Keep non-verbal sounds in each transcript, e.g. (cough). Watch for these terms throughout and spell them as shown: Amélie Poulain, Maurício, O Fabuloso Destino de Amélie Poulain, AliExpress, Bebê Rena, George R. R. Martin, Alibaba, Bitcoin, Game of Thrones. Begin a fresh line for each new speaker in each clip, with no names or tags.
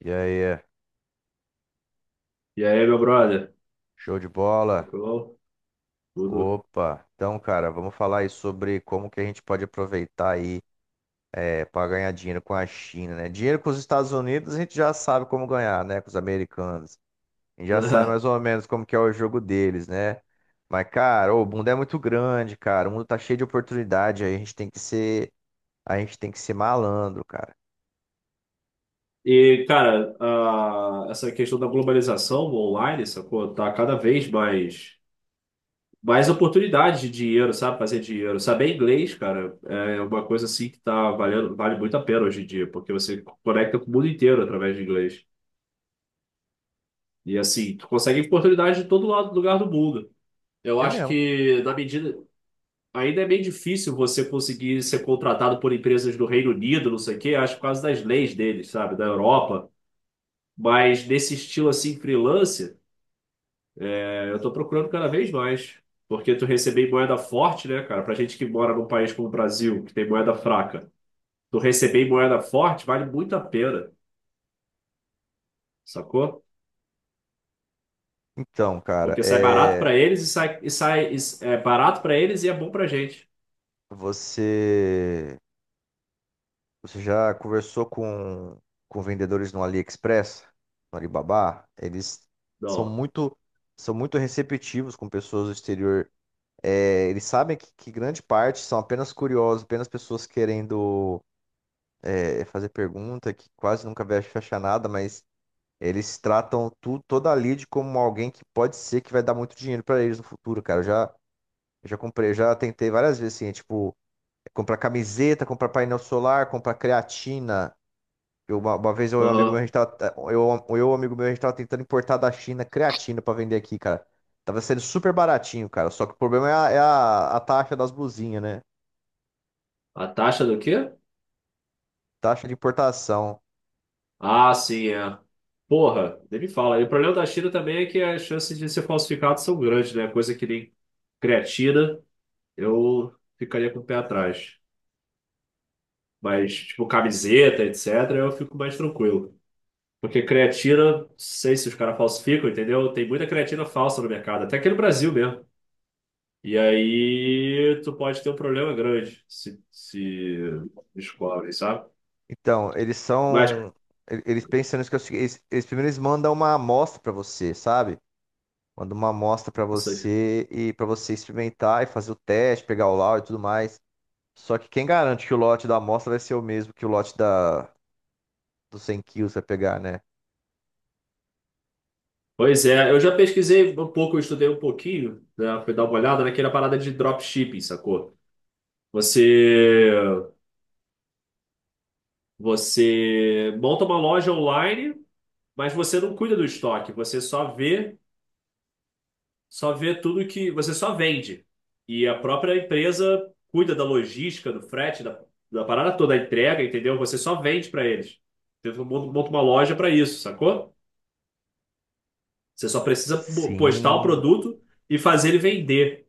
E aí,
E aí, meu brother?
show de bola?
Tranquilão? Tudo.
Opa! Então, cara, vamos falar aí sobre como que a gente pode aproveitar aí para ganhar dinheiro com a China, né? Dinheiro com os Estados Unidos a gente já sabe como ganhar, né? Com os americanos. A gente já sabe mais ou
(laughs)
menos como que é o jogo deles, né? Mas, cara, ô, o mundo é muito grande, cara. O mundo tá cheio de oportunidade aí. A gente tem que ser, a gente tem que ser malandro, cara.
Essa questão da globalização online, sacou? Tá cada vez mais oportunidades de dinheiro, sabe? Fazer dinheiro. Saber inglês, cara, é uma coisa assim que tá valendo, vale muito a pena hoje em dia, porque você conecta com o mundo inteiro através de inglês. E assim, tu consegue oportunidade de todo lado, lugar do mundo. Eu
É
acho
mesmo.
que na medida. Ainda é meio difícil você conseguir ser contratado por empresas do Reino Unido, não sei o quê, acho que por causa das leis deles, sabe, da Europa. Mas nesse estilo assim, freelance, eu tô procurando cada vez mais. Porque tu receber em moeda forte, né, cara? Pra gente que mora num país como o Brasil, que tem moeda fraca, tu receber em moeda forte vale muito a pena, sacou?
Então, cara,
Porque sai barato pra eles e é barato pra eles e é bom pra gente.
você Você já conversou com vendedores no AliExpress, no Alibaba? Eles são
Não.
muito, são muito receptivos com pessoas do exterior. É, eles sabem que grande parte são apenas curiosos, apenas pessoas querendo fazer pergunta, que quase nunca vai fechar nada, mas eles tratam tu, toda a lead como alguém que pode ser que vai dar muito dinheiro para eles no futuro, cara. Eu já comprei, eu já tentei várias vezes, assim, tipo, comprar camiseta, comprar painel solar, comprar creatina uma vez eu e um amigo meu, a
Aham.
gente tava, é, eu e um amigo meu, a gente tava tentando importar da China creatina pra vender aqui, cara. Tava sendo super baratinho, cara. Só que o problema é a taxa das blusinhas, né?
A taxa do quê?
Taxa de importação.
Ah, sim, é. Porra, nem me fala. E o problema da China também é que as chances de ser falsificado são grandes, né? Coisa que nem creatina, eu ficaria com o pé atrás. Mas, tipo, camiseta, etc., eu fico mais tranquilo. Porque creatina, não sei se os caras falsificam, entendeu? Tem muita creatina falsa no mercado, até aqui no Brasil mesmo. E aí tu pode ter um problema grande se descobre, sabe?
Então, eles
Mas,
são. Eles pensam nisso que é o seguinte, eles primeiro eles mandam uma amostra pra você, sabe? Mandam uma amostra pra você e pra você experimentar e fazer o teste, pegar o laudo e tudo mais. Só que quem garante que o lote da amostra vai ser o mesmo que dos 100 quilos vai pegar, né?
Pois é, eu já pesquisei um pouco, eu estudei um pouquinho, né, fui dar uma olhada naquela parada de dropshipping, sacou? Você, você monta uma loja online, mas você não cuida do estoque, só vê tudo que, você só vende. E a própria empresa cuida da logística, do frete, da parada toda, da entrega, entendeu? Você só vende para eles. Então, monta uma loja para isso, sacou? Você só precisa postar o
Sim.
produto e fazer ele vender.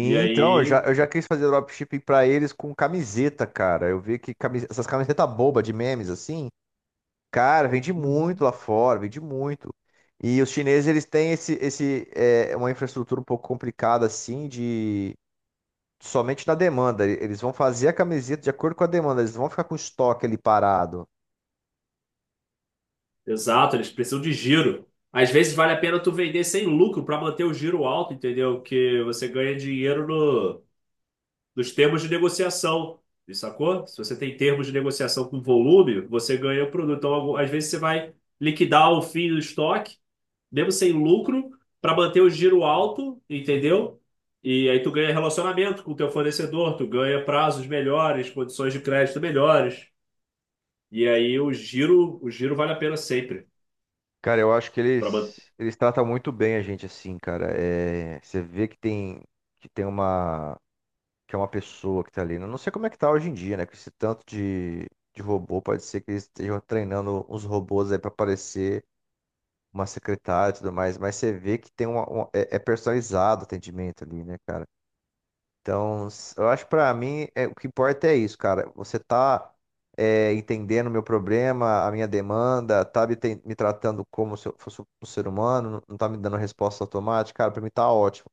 E
então,
aí.
eu já quis fazer dropshipping pra eles com camiseta, cara. Eu vi que essas camisetas boba de memes, assim, cara, vende muito
Uhum.
lá fora, vende muito. E os chineses, eles têm uma infraestrutura um pouco complicada, assim, de somente na demanda. Eles vão fazer a camiseta de acordo com a demanda, eles não vão ficar com o estoque ali parado.
Exato, eles precisam de giro. Às vezes vale a pena tu vender sem lucro para manter o giro alto, entendeu? Que você ganha dinheiro no, nos termos de negociação. Sacou? Se você tem termos de negociação com volume, você ganha o produto. Então, às vezes você vai liquidar o fim do estoque, mesmo sem lucro, para manter o giro alto, entendeu? E aí tu ganha relacionamento com o teu fornecedor, tu ganha prazos melhores, condições de crédito melhores. E aí o giro vale a pena sempre
Cara, eu acho que
para.
eles tratam muito bem a gente, assim, cara. É, você vê que tem uma que é uma pessoa que tá ali. Eu não sei como é que tá hoje em dia, né? Com esse tanto de robô, pode ser que eles estejam treinando uns robôs aí pra parecer uma secretária e tudo mais, mas você vê que tem é personalizado o atendimento ali, né, cara? Então, eu acho que pra mim, o que importa é isso, cara. Você tá entendendo o meu problema, a minha demanda, me tratando como se eu fosse um ser humano, não tá me dando resposta automática, cara, pra mim tá ótimo.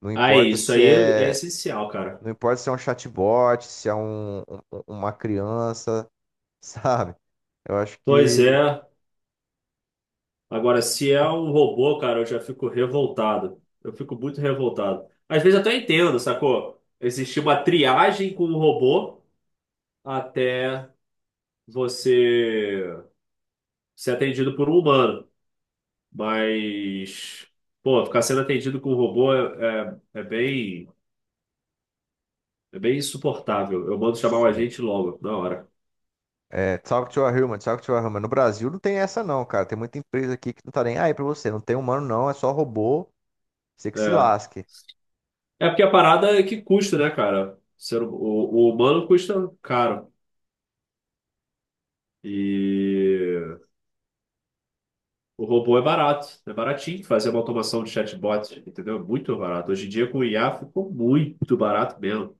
Não
Aí,
importa
isso
se
aí é
é
essencial, cara.
não importa se é um chatbot, se é uma criança, (laughs) sabe? Eu acho
Pois
que
é. Agora, se é um robô, cara, eu já fico revoltado. Eu fico muito revoltado. Às vezes eu até entendo, sacou? Existe uma triagem com um robô até você ser atendido por um humano. Mas, pô, ficar sendo atendido com um robô é bem insuportável. Eu mando chamar o
sim.
agente logo, na hora.
É, talk to a human, talk to a human. No Brasil não tem essa não, cara. Tem muita empresa aqui que não tá nem aí pra você. Não tem humano não, é só robô. Você que se
É.
lasque.
É porque a parada é que custa, né, cara? O humano custa caro. E o robô é barato, é baratinho fazer uma automação de chatbot, entendeu? É muito barato. Hoje em dia com o IA ficou muito barato mesmo.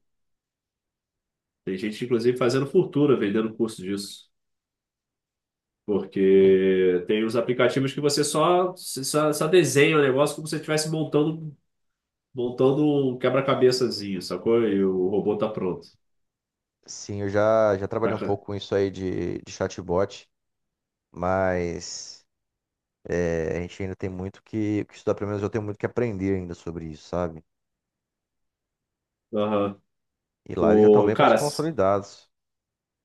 Tem gente, inclusive, fazendo fortuna vendendo curso disso. Porque tem os aplicativos que você só desenha o negócio como se você estivesse montando um quebra-cabeçazinho, sacou? E o robô tá pronto.
Sim, já
Tá,
trabalhei um
ca-
pouco com isso aí de chatbot, mas a gente ainda tem muito que estudar. Pelo menos eu tenho muito que aprender ainda sobre isso, sabe?
Aham.
E lá eles já estão
O,
bem mais
cara,
consolidados.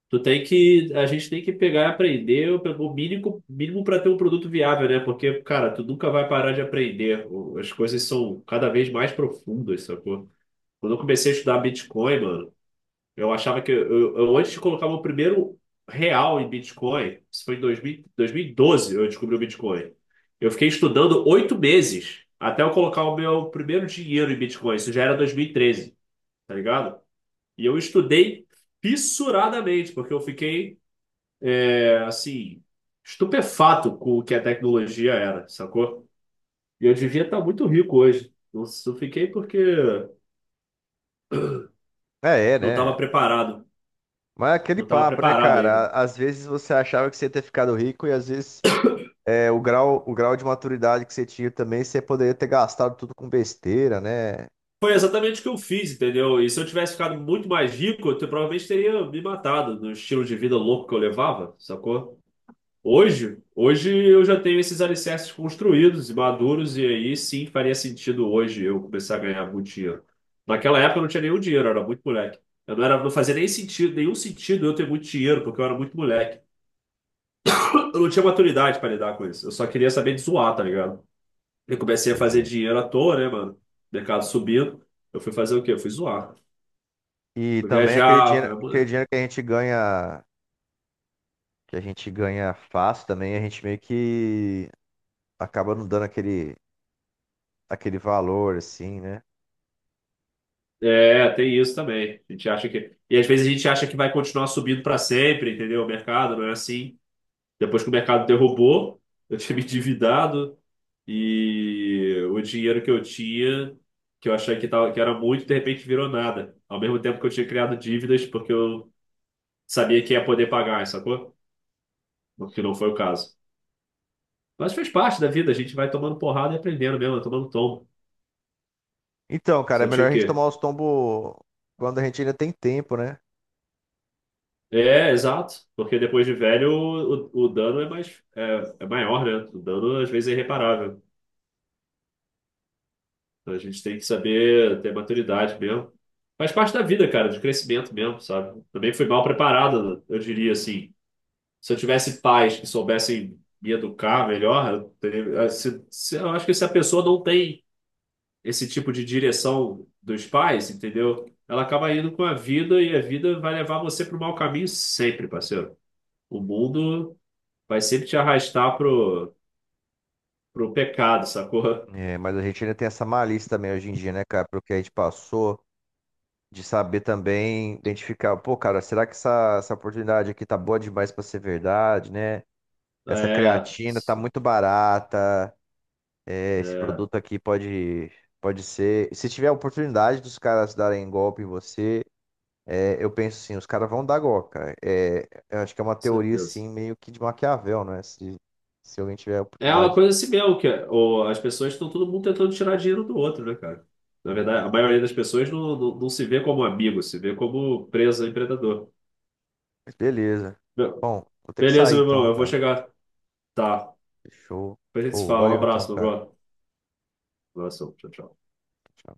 A gente tem que pegar e aprender o mínimo, mínimo para ter um produto viável, né? Porque, cara, tu nunca vai parar de aprender. O- As coisas são cada vez mais profundas, sacou? Quando eu comecei a estudar Bitcoin, mano, eu achava que eu antes de colocar meu primeiro real em Bitcoin, isso foi em 2000, doze eu descobri o Bitcoin. Eu fiquei estudando 8 meses até eu colocar o meu primeiro dinheiro em Bitcoin. Isso já era 2013, tá ligado? E eu estudei fissuradamente, porque eu fiquei é, assim, estupefato com o que a tecnologia era, sacou? E eu devia estar muito rico hoje. Eu só fiquei porque
É, é,
não
né?
estava preparado.
Mas é aquele
Não estava
papo, né,
preparado ainda.
cara? Às vezes você achava que você ia ter ficado rico e às vezes o grau de maturidade que você tinha também, você poderia ter gastado tudo com besteira, né?
Foi exatamente o que eu fiz, entendeu? E se eu tivesse ficado muito mais rico, provavelmente teria me matado no estilo de vida louco que eu levava, sacou? Hoje eu já tenho esses alicerces construídos e maduros, e aí sim faria sentido hoje eu começar a ganhar muito dinheiro. Naquela época eu não tinha nenhum dinheiro, eu era muito moleque. Eu não era, não fazia nem sentido, nenhum sentido eu ter muito dinheiro, porque eu era muito moleque. Eu não tinha maturidade para lidar com isso. Eu só queria saber de zoar, tá ligado? Eu comecei a
Pois
fazer
é.
dinheiro à toa, né, mano? Mercado subindo. Eu fui fazer o quê? Eu fui zoar.
E
Fui
também
viajar.
aquele
fui-
dinheiro que a gente ganha, que a gente ganha fácil também, a gente meio que acaba não dando aquele valor, assim, né?
É, tem isso também. A gente acha que. E às vezes a gente acha que vai continuar subindo para sempre, entendeu? O mercado não é assim. Depois que o mercado derrubou, eu tinha me endividado e o dinheiro que eu tinha, que eu achei que era muito, de repente virou nada. Ao mesmo tempo que eu tinha criado dívidas porque eu sabia que ia poder pagar, sacou? O que não foi o caso. Mas fez parte da vida, a gente vai tomando porrada e aprendendo mesmo, é tomando tombo.
Então, cara, é
Só tinha
melhor
o
a gente
quê?
tomar os tombos quando a gente ainda tem tempo, né?
É, exato. Porque depois de velho, o dano é é maior, né? O dano às vezes é irreparável. Então a gente tem que saber ter maturidade mesmo. Faz parte da vida, cara, de crescimento mesmo, sabe? Também fui mal preparado, eu diria assim. Se eu tivesse pais que soubessem me educar melhor, eu acho que se a pessoa não tem esse tipo de direção dos pais, entendeu? Ela acaba indo com a vida e a vida vai levar você para o mau caminho sempre, parceiro. O mundo vai sempre te arrastar pro pecado, sacou?
É, mas a gente ainda tem essa malícia também hoje em dia, né, cara? Pelo que a gente passou. De saber também identificar, pô, cara, será que essa oportunidade aqui tá boa demais pra ser verdade, né? Essa
É,
creatina tá muito barata, esse
é,
produto aqui pode ser. Se tiver a oportunidade dos caras darem golpe em você, é, eu penso assim, os caras vão dar golpe, cara. É, eu acho que é uma
com
teoria,
certeza.
assim, meio que de Maquiavel, né? Se alguém tiver a
É uma
oportunidade.
coisa assim mesmo, as pessoas estão todo mundo tentando tirar dinheiro do outro, né, cara? Na
Né?
verdade, a maioria das pessoas não se vê como amigo, se vê como presa a empreendedor.
Mas beleza.
Be-
Bom, vou ter que
Beleza,
sair
meu irmão,
então,
eu vou
cara.
chegar. Tá.
Fechou.
Depois a gente se
Ô,
fala. Um
valeu então,
abraço, meu
cara.
brother. Um abraço. Tchau, tchau.
Tchau.